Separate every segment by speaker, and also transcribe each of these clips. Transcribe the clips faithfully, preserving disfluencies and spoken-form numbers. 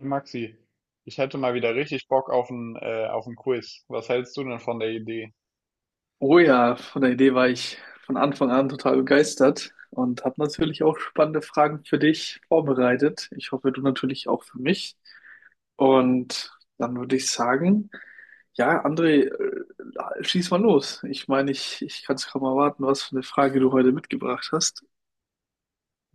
Speaker 1: Maxi, ich hätte mal wieder richtig Bock auf ein, äh, auf ein Quiz. Was hältst du denn von der Idee?
Speaker 2: Oh ja, von der Idee war ich von Anfang an total begeistert und habe natürlich auch spannende Fragen für dich vorbereitet. Ich hoffe, du natürlich auch für mich. Und dann würde ich sagen, ja, André, äh, schieß mal los. Ich meine, ich, ich kann es kaum erwarten, was für eine Frage du heute mitgebracht hast.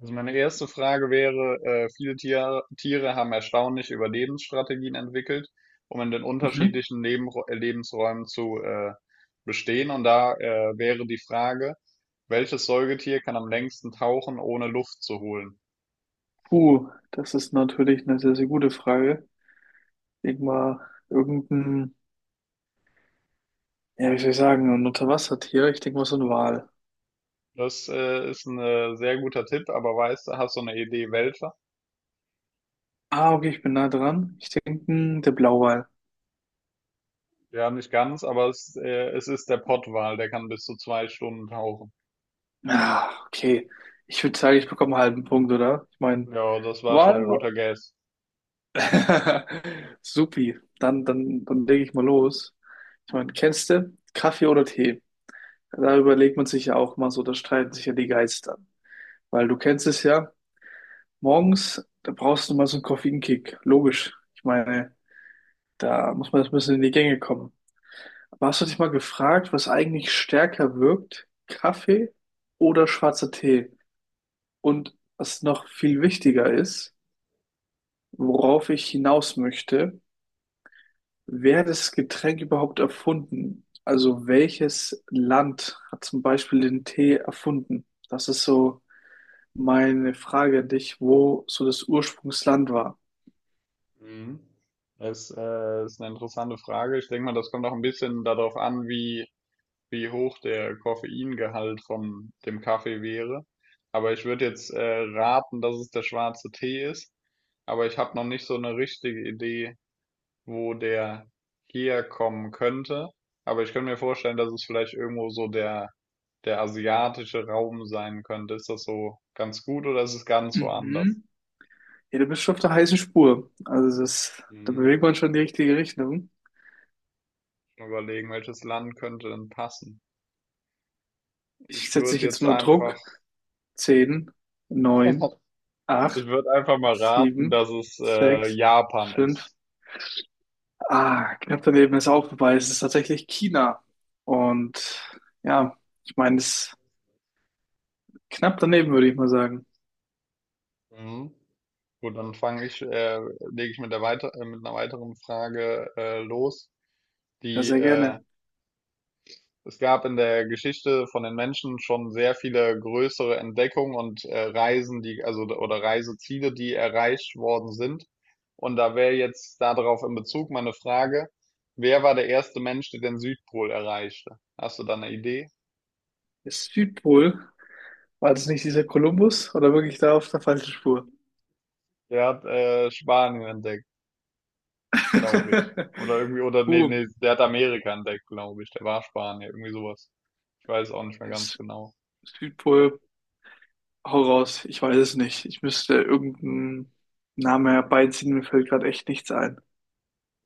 Speaker 1: Also meine erste Frage wäre, äh, viele Tiere, Tiere haben erstaunlich Überlebensstrategien entwickelt, um in den
Speaker 2: Mhm.
Speaker 1: unterschiedlichen Leben, äh, Lebensräumen zu äh, bestehen. Und da äh, wäre die Frage, welches Säugetier kann am längsten tauchen, ohne Luft zu holen?
Speaker 2: Puh, das ist natürlich eine sehr, sehr gute Frage. Ich denke mal, irgendein, ja, wie soll ich sagen, ein Unterwassertier. Ich denke mal, so ein Wal.
Speaker 1: Das äh, ist ein äh, sehr guter Tipp, aber weißt du, hast du eine Idee, welcher?
Speaker 2: Ah, okay, ich bin nah dran. Ich denke, hm, der Blauwal.
Speaker 1: Ja, nicht ganz, aber es, äh, es ist der Pottwal, der kann bis zu zwei Stunden tauchen.
Speaker 2: Ah, okay. Ich würde sagen, ich bekomme einen halben Punkt, oder? Ich meine,
Speaker 1: Ja, das war schon ein
Speaker 2: Wal.
Speaker 1: guter Guess.
Speaker 2: Supi. Dann, dann, dann lege ich mal los. Ich meine, kennst du Kaffee oder Tee? Da überlegt man sich ja auch mal so, da streiten sich ja die Geister. Weil du kennst es ja, morgens, da brauchst du mal so einen Koffeinkick. Logisch. Ich meine, da muss man erst ein bisschen in die Gänge kommen. Aber hast du dich mal gefragt, was eigentlich stärker wirkt? Kaffee oder schwarzer Tee? Und was noch viel wichtiger ist, worauf ich hinaus möchte, wer hat das Getränk überhaupt erfunden? Also welches Land hat zum Beispiel den Tee erfunden? Das ist so meine Frage an dich, wo so das Ursprungsland war.
Speaker 1: Mhm. Es äh, ist eine interessante Frage. Ich denke mal, das kommt auch ein bisschen darauf an, wie, wie hoch der Koffeingehalt von dem Kaffee wäre. Aber ich würde jetzt äh, raten, dass es der schwarze Tee ist. Aber ich habe noch nicht so eine richtige Idee, wo der herkommen könnte. Aber ich könnte mir vorstellen, dass es vielleicht irgendwo so der der asiatische Raum sein könnte. Ist das so ganz gut oder ist es ganz woanders?
Speaker 2: Mhm. Ja, du bist schon auf der heißen Spur. Also das, da
Speaker 1: Mhm.
Speaker 2: bewegt man schon in die richtige Richtung.
Speaker 1: Mal überlegen, welches Land könnte denn passen?
Speaker 2: Ich
Speaker 1: Ich
Speaker 2: setze dich
Speaker 1: würde
Speaker 2: jetzt
Speaker 1: jetzt
Speaker 2: unter
Speaker 1: einfach,
Speaker 2: Druck. Zehn, neun,
Speaker 1: Ich
Speaker 2: acht,
Speaker 1: würde einfach mal raten,
Speaker 2: sieben,
Speaker 1: dass es äh,
Speaker 2: sechs,
Speaker 1: Japan
Speaker 2: fünf,
Speaker 1: ist.
Speaker 2: Ah, knapp daneben ist auch vorbei. Es ist tatsächlich China. Und ja, ich meine, es ist knapp daneben, würde ich mal sagen.
Speaker 1: Mhm. Gut, dann fange ich, äh, lege ich mit der weiter, äh, mit einer weiteren Frage äh, los,
Speaker 2: Ja,
Speaker 1: die
Speaker 2: sehr
Speaker 1: äh,
Speaker 2: gerne.
Speaker 1: es gab in der Geschichte von den Menschen schon sehr viele größere Entdeckungen und äh, Reisen, die, also oder Reiseziele, die erreicht worden sind. Und da wäre jetzt darauf in Bezug meine Frage, wer war der erste Mensch, der den Südpol erreichte? Hast du da eine Idee?
Speaker 2: Ist Südpol. War das nicht dieser Kolumbus oder wirklich da auf der falschen Spur?
Speaker 1: Der hat äh, Spanien entdeckt, glaube ich. Oder irgendwie, oder nee,
Speaker 2: Puh,
Speaker 1: nee, der hat Amerika entdeckt, glaube ich. Der war Spanier, irgendwie sowas. Ich weiß auch nicht mehr ganz
Speaker 2: ist
Speaker 1: genau.
Speaker 2: Südpol. Hau raus. Ich weiß es nicht. Ich müsste irgendeinen Namen herbeiziehen. Mir fällt gerade echt nichts ein.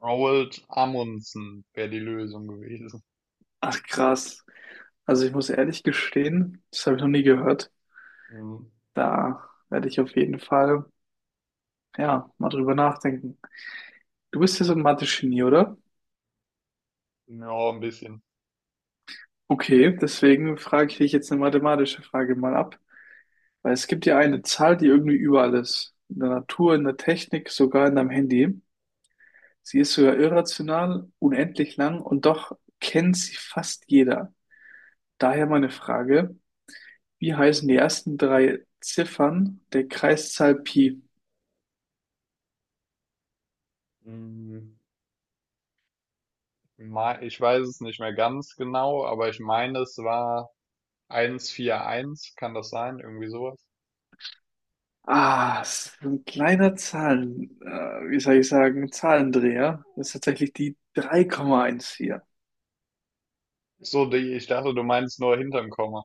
Speaker 1: Roald Amundsen wäre die Lösung gewesen.
Speaker 2: Ach, krass. Also ich muss ehrlich gestehen, das habe ich noch nie gehört.
Speaker 1: Mhm.
Speaker 2: Da werde ich auf jeden Fall. Ja, mal drüber nachdenken. Du bist ja so ein Mathe-Genie, oder?
Speaker 1: Ja, ein bisschen.
Speaker 2: Okay, deswegen frage ich dich jetzt eine mathematische Frage mal ab. Weil es gibt ja eine Zahl, die irgendwie überall ist. In der Natur, in der Technik, sogar in deinem Handy. Sie ist sogar irrational, unendlich lang und doch kennt sie fast jeder. Daher meine Frage, wie heißen die ersten drei Ziffern der Kreiszahl Pi?
Speaker 1: Hm, mei- ich weiß es nicht mehr ganz genau, aber ich meine, es war eins einundvierzig, kann das sein? Irgendwie sowas.
Speaker 2: Ah, es ist so ein kleiner Zahlen, äh, wie soll ich sagen, Zahlendreher. Das ist tatsächlich die drei Komma eins vier.
Speaker 1: Ach so, die, ich dachte, du meinst nur hinterm Komma.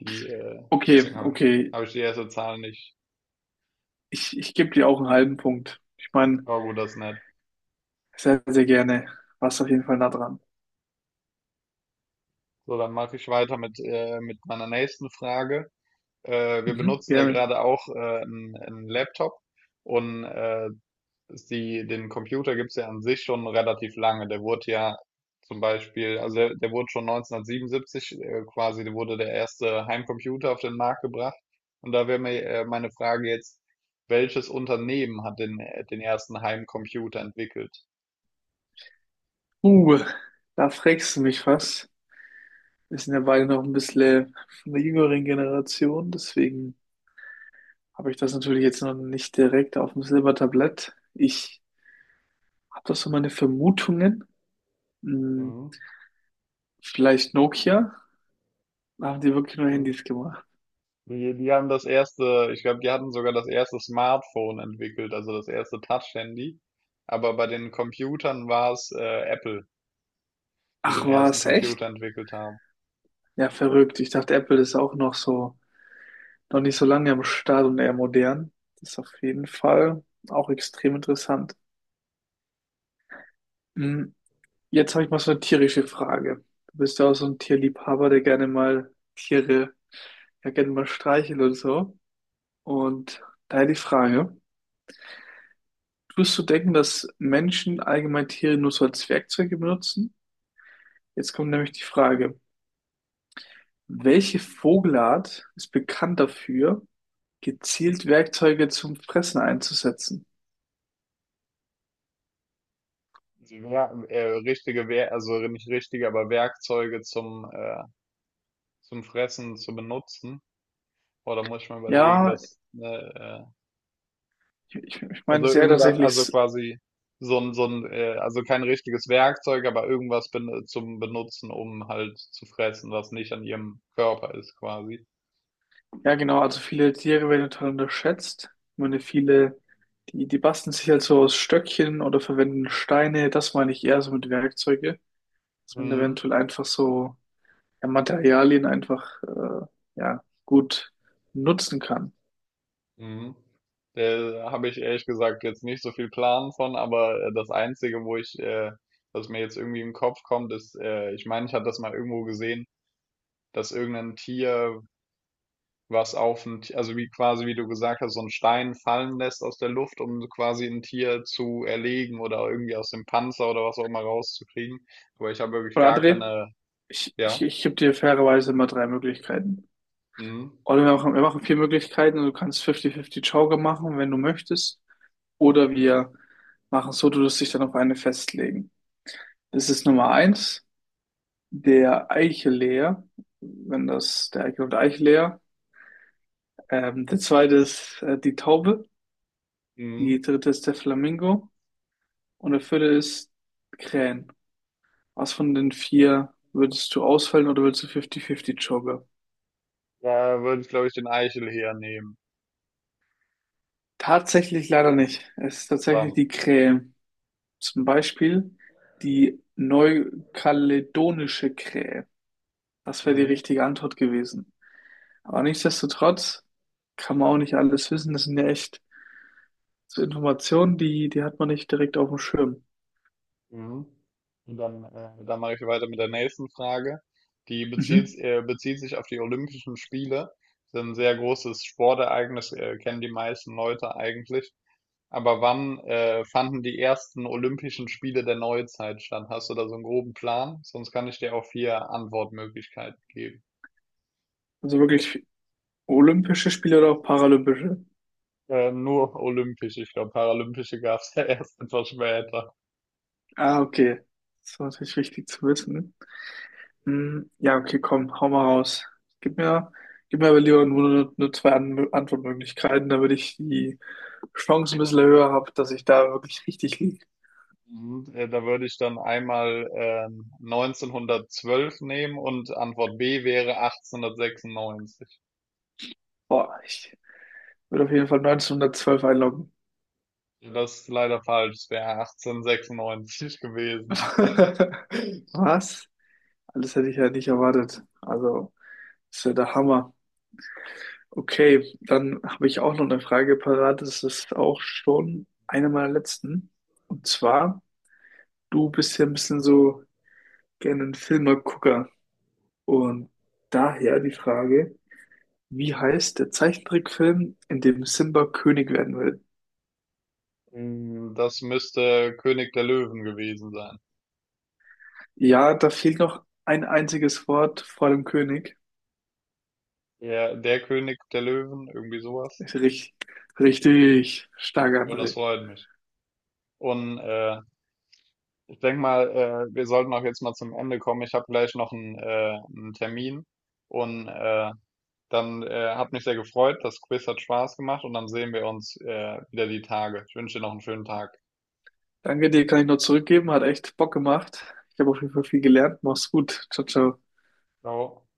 Speaker 1: Die, äh,
Speaker 2: Okay,
Speaker 1: deswegen habe ich,
Speaker 2: okay.
Speaker 1: hab ich die erste Zahl nicht.
Speaker 2: Ich, ich gebe dir auch einen halben Punkt. Ich meine,
Speaker 1: Aber gut, das ist nett.
Speaker 2: sehr, sehr gerne. Warst auf jeden Fall nah dran.
Speaker 1: So, dann mache ich weiter mit, äh, mit meiner nächsten Frage. Äh, wir
Speaker 2: Mhm,
Speaker 1: benutzen ja
Speaker 2: gerne.
Speaker 1: gerade auch äh, einen, einen Laptop und äh, die, den Computer gibt's ja an sich schon relativ lange. Der wurde ja zum Beispiel, also der, der wurde schon neunzehnhundertsiebenundsiebzig äh, quasi, der wurde der erste Heimcomputer auf den Markt gebracht. Und da wäre mir äh, meine Frage jetzt, welches Unternehmen hat den, den ersten Heimcomputer entwickelt?
Speaker 2: Uh, da fragst du mich was. Wir sind ja beide noch ein bisschen von der jüngeren Generation, deswegen habe ich das natürlich jetzt noch nicht direkt auf dem Silbertablett. Ich habe da so meine Vermutungen. Hm, vielleicht Nokia. Da haben die wirklich nur
Speaker 1: Mhm.
Speaker 2: Handys gemacht.
Speaker 1: Die, die haben das erste, ich glaube, die hatten sogar das erste Smartphone entwickelt, also das erste Touch-Handy. Aber bei den Computern war es äh, Apple, die den
Speaker 2: Ach, war
Speaker 1: ersten
Speaker 2: es
Speaker 1: Computer
Speaker 2: echt?
Speaker 1: entwickelt haben.
Speaker 2: Ja, verrückt. Ich dachte, Apple ist auch noch so, noch nicht so lange am Start und eher modern. Das ist auf jeden Fall auch extrem interessant. Hm, jetzt habe ich mal so eine tierische Frage. Du bist ja auch so ein Tierliebhaber, der gerne mal Tiere, ja gerne mal streichelt oder so. Und daher die Frage, tust du denken, dass Menschen allgemein Tiere nur so als Werkzeuge benutzen? Jetzt kommt nämlich die Frage, welche Vogelart ist bekannt dafür, gezielt Werkzeuge zum Fressen einzusetzen.
Speaker 1: Sie wer- äh, richtige, Wer Also nicht richtige, aber Werkzeuge zum, äh, zum Fressen zu benutzen. Boah, da muss ich mal überlegen,
Speaker 2: Ja,
Speaker 1: dass, ne,
Speaker 2: ich,
Speaker 1: äh,
Speaker 2: ich meine
Speaker 1: also
Speaker 2: es eher
Speaker 1: irgendwas,
Speaker 2: tatsächlich,
Speaker 1: also
Speaker 2: s-
Speaker 1: quasi so ein, so ein, äh, also kein richtiges Werkzeug, aber irgendwas ben zum Benutzen, um halt zu fressen, was nicht an ihrem Körper ist, quasi.
Speaker 2: ja genau, also viele Tiere werden total unterschätzt. Ich meine, viele, die, die basteln sich halt so aus Stöckchen oder verwenden Steine, das meine ich eher so mit Werkzeuge, dass man
Speaker 1: Mhm.
Speaker 2: eventuell einfach so ja, Materialien einfach äh, ja, gut nutzen kann.
Speaker 1: Mhm. Da habe ich ehrlich gesagt jetzt nicht so viel Plan von, aber äh, das Einzige, wo ich, äh, was mir jetzt irgendwie im Kopf kommt, ist, äh, ich meine, ich hatte das mal irgendwo gesehen, dass irgendein Tier was auf ein, Ti- also wie quasi, wie du gesagt hast, so einen Stein fallen lässt aus der Luft, um so quasi ein Tier zu erlegen oder irgendwie aus dem Panzer oder was auch immer rauszukriegen. Aber ich habe wirklich
Speaker 2: Oder
Speaker 1: gar
Speaker 2: André,
Speaker 1: keine,
Speaker 2: ich, ich,
Speaker 1: ja,
Speaker 2: ich gebe dir fairerweise immer drei Möglichkeiten.
Speaker 1: mhm.
Speaker 2: Oder wir machen, wir machen vier Möglichkeiten und du kannst fünfzig fünfzig Joker machen, wenn du möchtest. Oder wir machen so, du wirst dich dann auf eine festlegen. Das ist Nummer eins, der Eicheleer, wenn das der Eichel und der Eicheleer. Ähm, der zweite ist äh, die Taube,
Speaker 1: Mhm.
Speaker 2: die dritte ist der Flamingo und der vierte ist Krähen. Was von den vier würdest du auswählen oder würdest du fünfzig fünfzig Joker?
Speaker 1: Da würde ich, glaube ich, den Eichel hernehmen.
Speaker 2: Tatsächlich leider nicht. Es ist tatsächlich
Speaker 1: Verdammt.
Speaker 2: die Krähe. Zum Beispiel die neukaledonische Krähe. Das wäre die
Speaker 1: Mhm.
Speaker 2: richtige Antwort gewesen. Aber nichtsdestotrotz kann man auch nicht alles wissen. Das sind ja echt so Informationen, die, die hat man nicht direkt auf dem Schirm.
Speaker 1: Mhm. Und dann, äh, dann mache ich weiter mit der nächsten Frage. Die
Speaker 2: Mhm.
Speaker 1: bezieht, äh, bezieht sich auf die Olympischen Spiele. Das ist ein sehr großes Sportereignis, äh, kennen die meisten Leute eigentlich. Aber wann äh, fanden die ersten Olympischen Spiele der Neuzeit statt? Hast du da so einen groben Plan? Sonst kann ich dir auch vier Antwortmöglichkeiten geben.
Speaker 2: Also wirklich olympische Spiele oder auch paralympische?
Speaker 1: Äh, nur olympisch, ich glaube, paralympische gab es ja erst etwas später.
Speaker 2: Ah, okay. Das ist natürlich wichtig zu wissen. Hm, ja, okay, komm, hau mal raus. Gib mir, gib mir aber lieber nur, nur zwei An Antwortmöglichkeiten, damit ich die Chance ein bisschen höher habe, dass ich da wirklich richtig liege.
Speaker 1: Mhm, äh, da würde ich dann einmal ähm, neunzehnhundertzwölf nehmen und Antwort B wäre achtzehnhundertsechsundneunzig.
Speaker 2: Boah, ich würde auf jeden Fall neunzehnhundertzwölf einloggen.
Speaker 1: Das ist leider falsch, es wäre achtzehnhundertsechsundneunzig gewesen.
Speaker 2: Was? Alles hätte ich ja nicht erwartet. Also, ist ja der Hammer. Okay, dann habe ich auch noch eine Frage parat. Das ist auch schon eine meiner letzten. Und zwar, du bist ja ein bisschen so gerne ein Filmegucker. Und daher die Frage, wie heißt der Zeichentrickfilm, in dem Simba König werden will?
Speaker 1: Mm, das müsste König der Löwen gewesen sein.
Speaker 2: Ja, da fehlt noch ein einziges Wort vor dem König.
Speaker 1: Ja, der König der Löwen, irgendwie sowas.
Speaker 2: Ist richtig, richtig stark,
Speaker 1: Und das
Speaker 2: André.
Speaker 1: freut mich. Und äh, ich denke mal, äh, wir sollten auch jetzt mal zum Ende kommen. Ich habe gleich noch einen, äh, einen Termin. Und äh, Dann äh, hat mich sehr gefreut. Das Quiz hat Spaß gemacht und dann sehen wir uns äh, wieder die Tage. Ich wünsche dir noch einen schönen Tag.
Speaker 2: Danke dir, kann ich nur zurückgeben. Hat echt Bock gemacht. Ich habe auf jeden Fall viel gelernt. Mach's gut. Ciao, ciao.
Speaker 1: Ciao.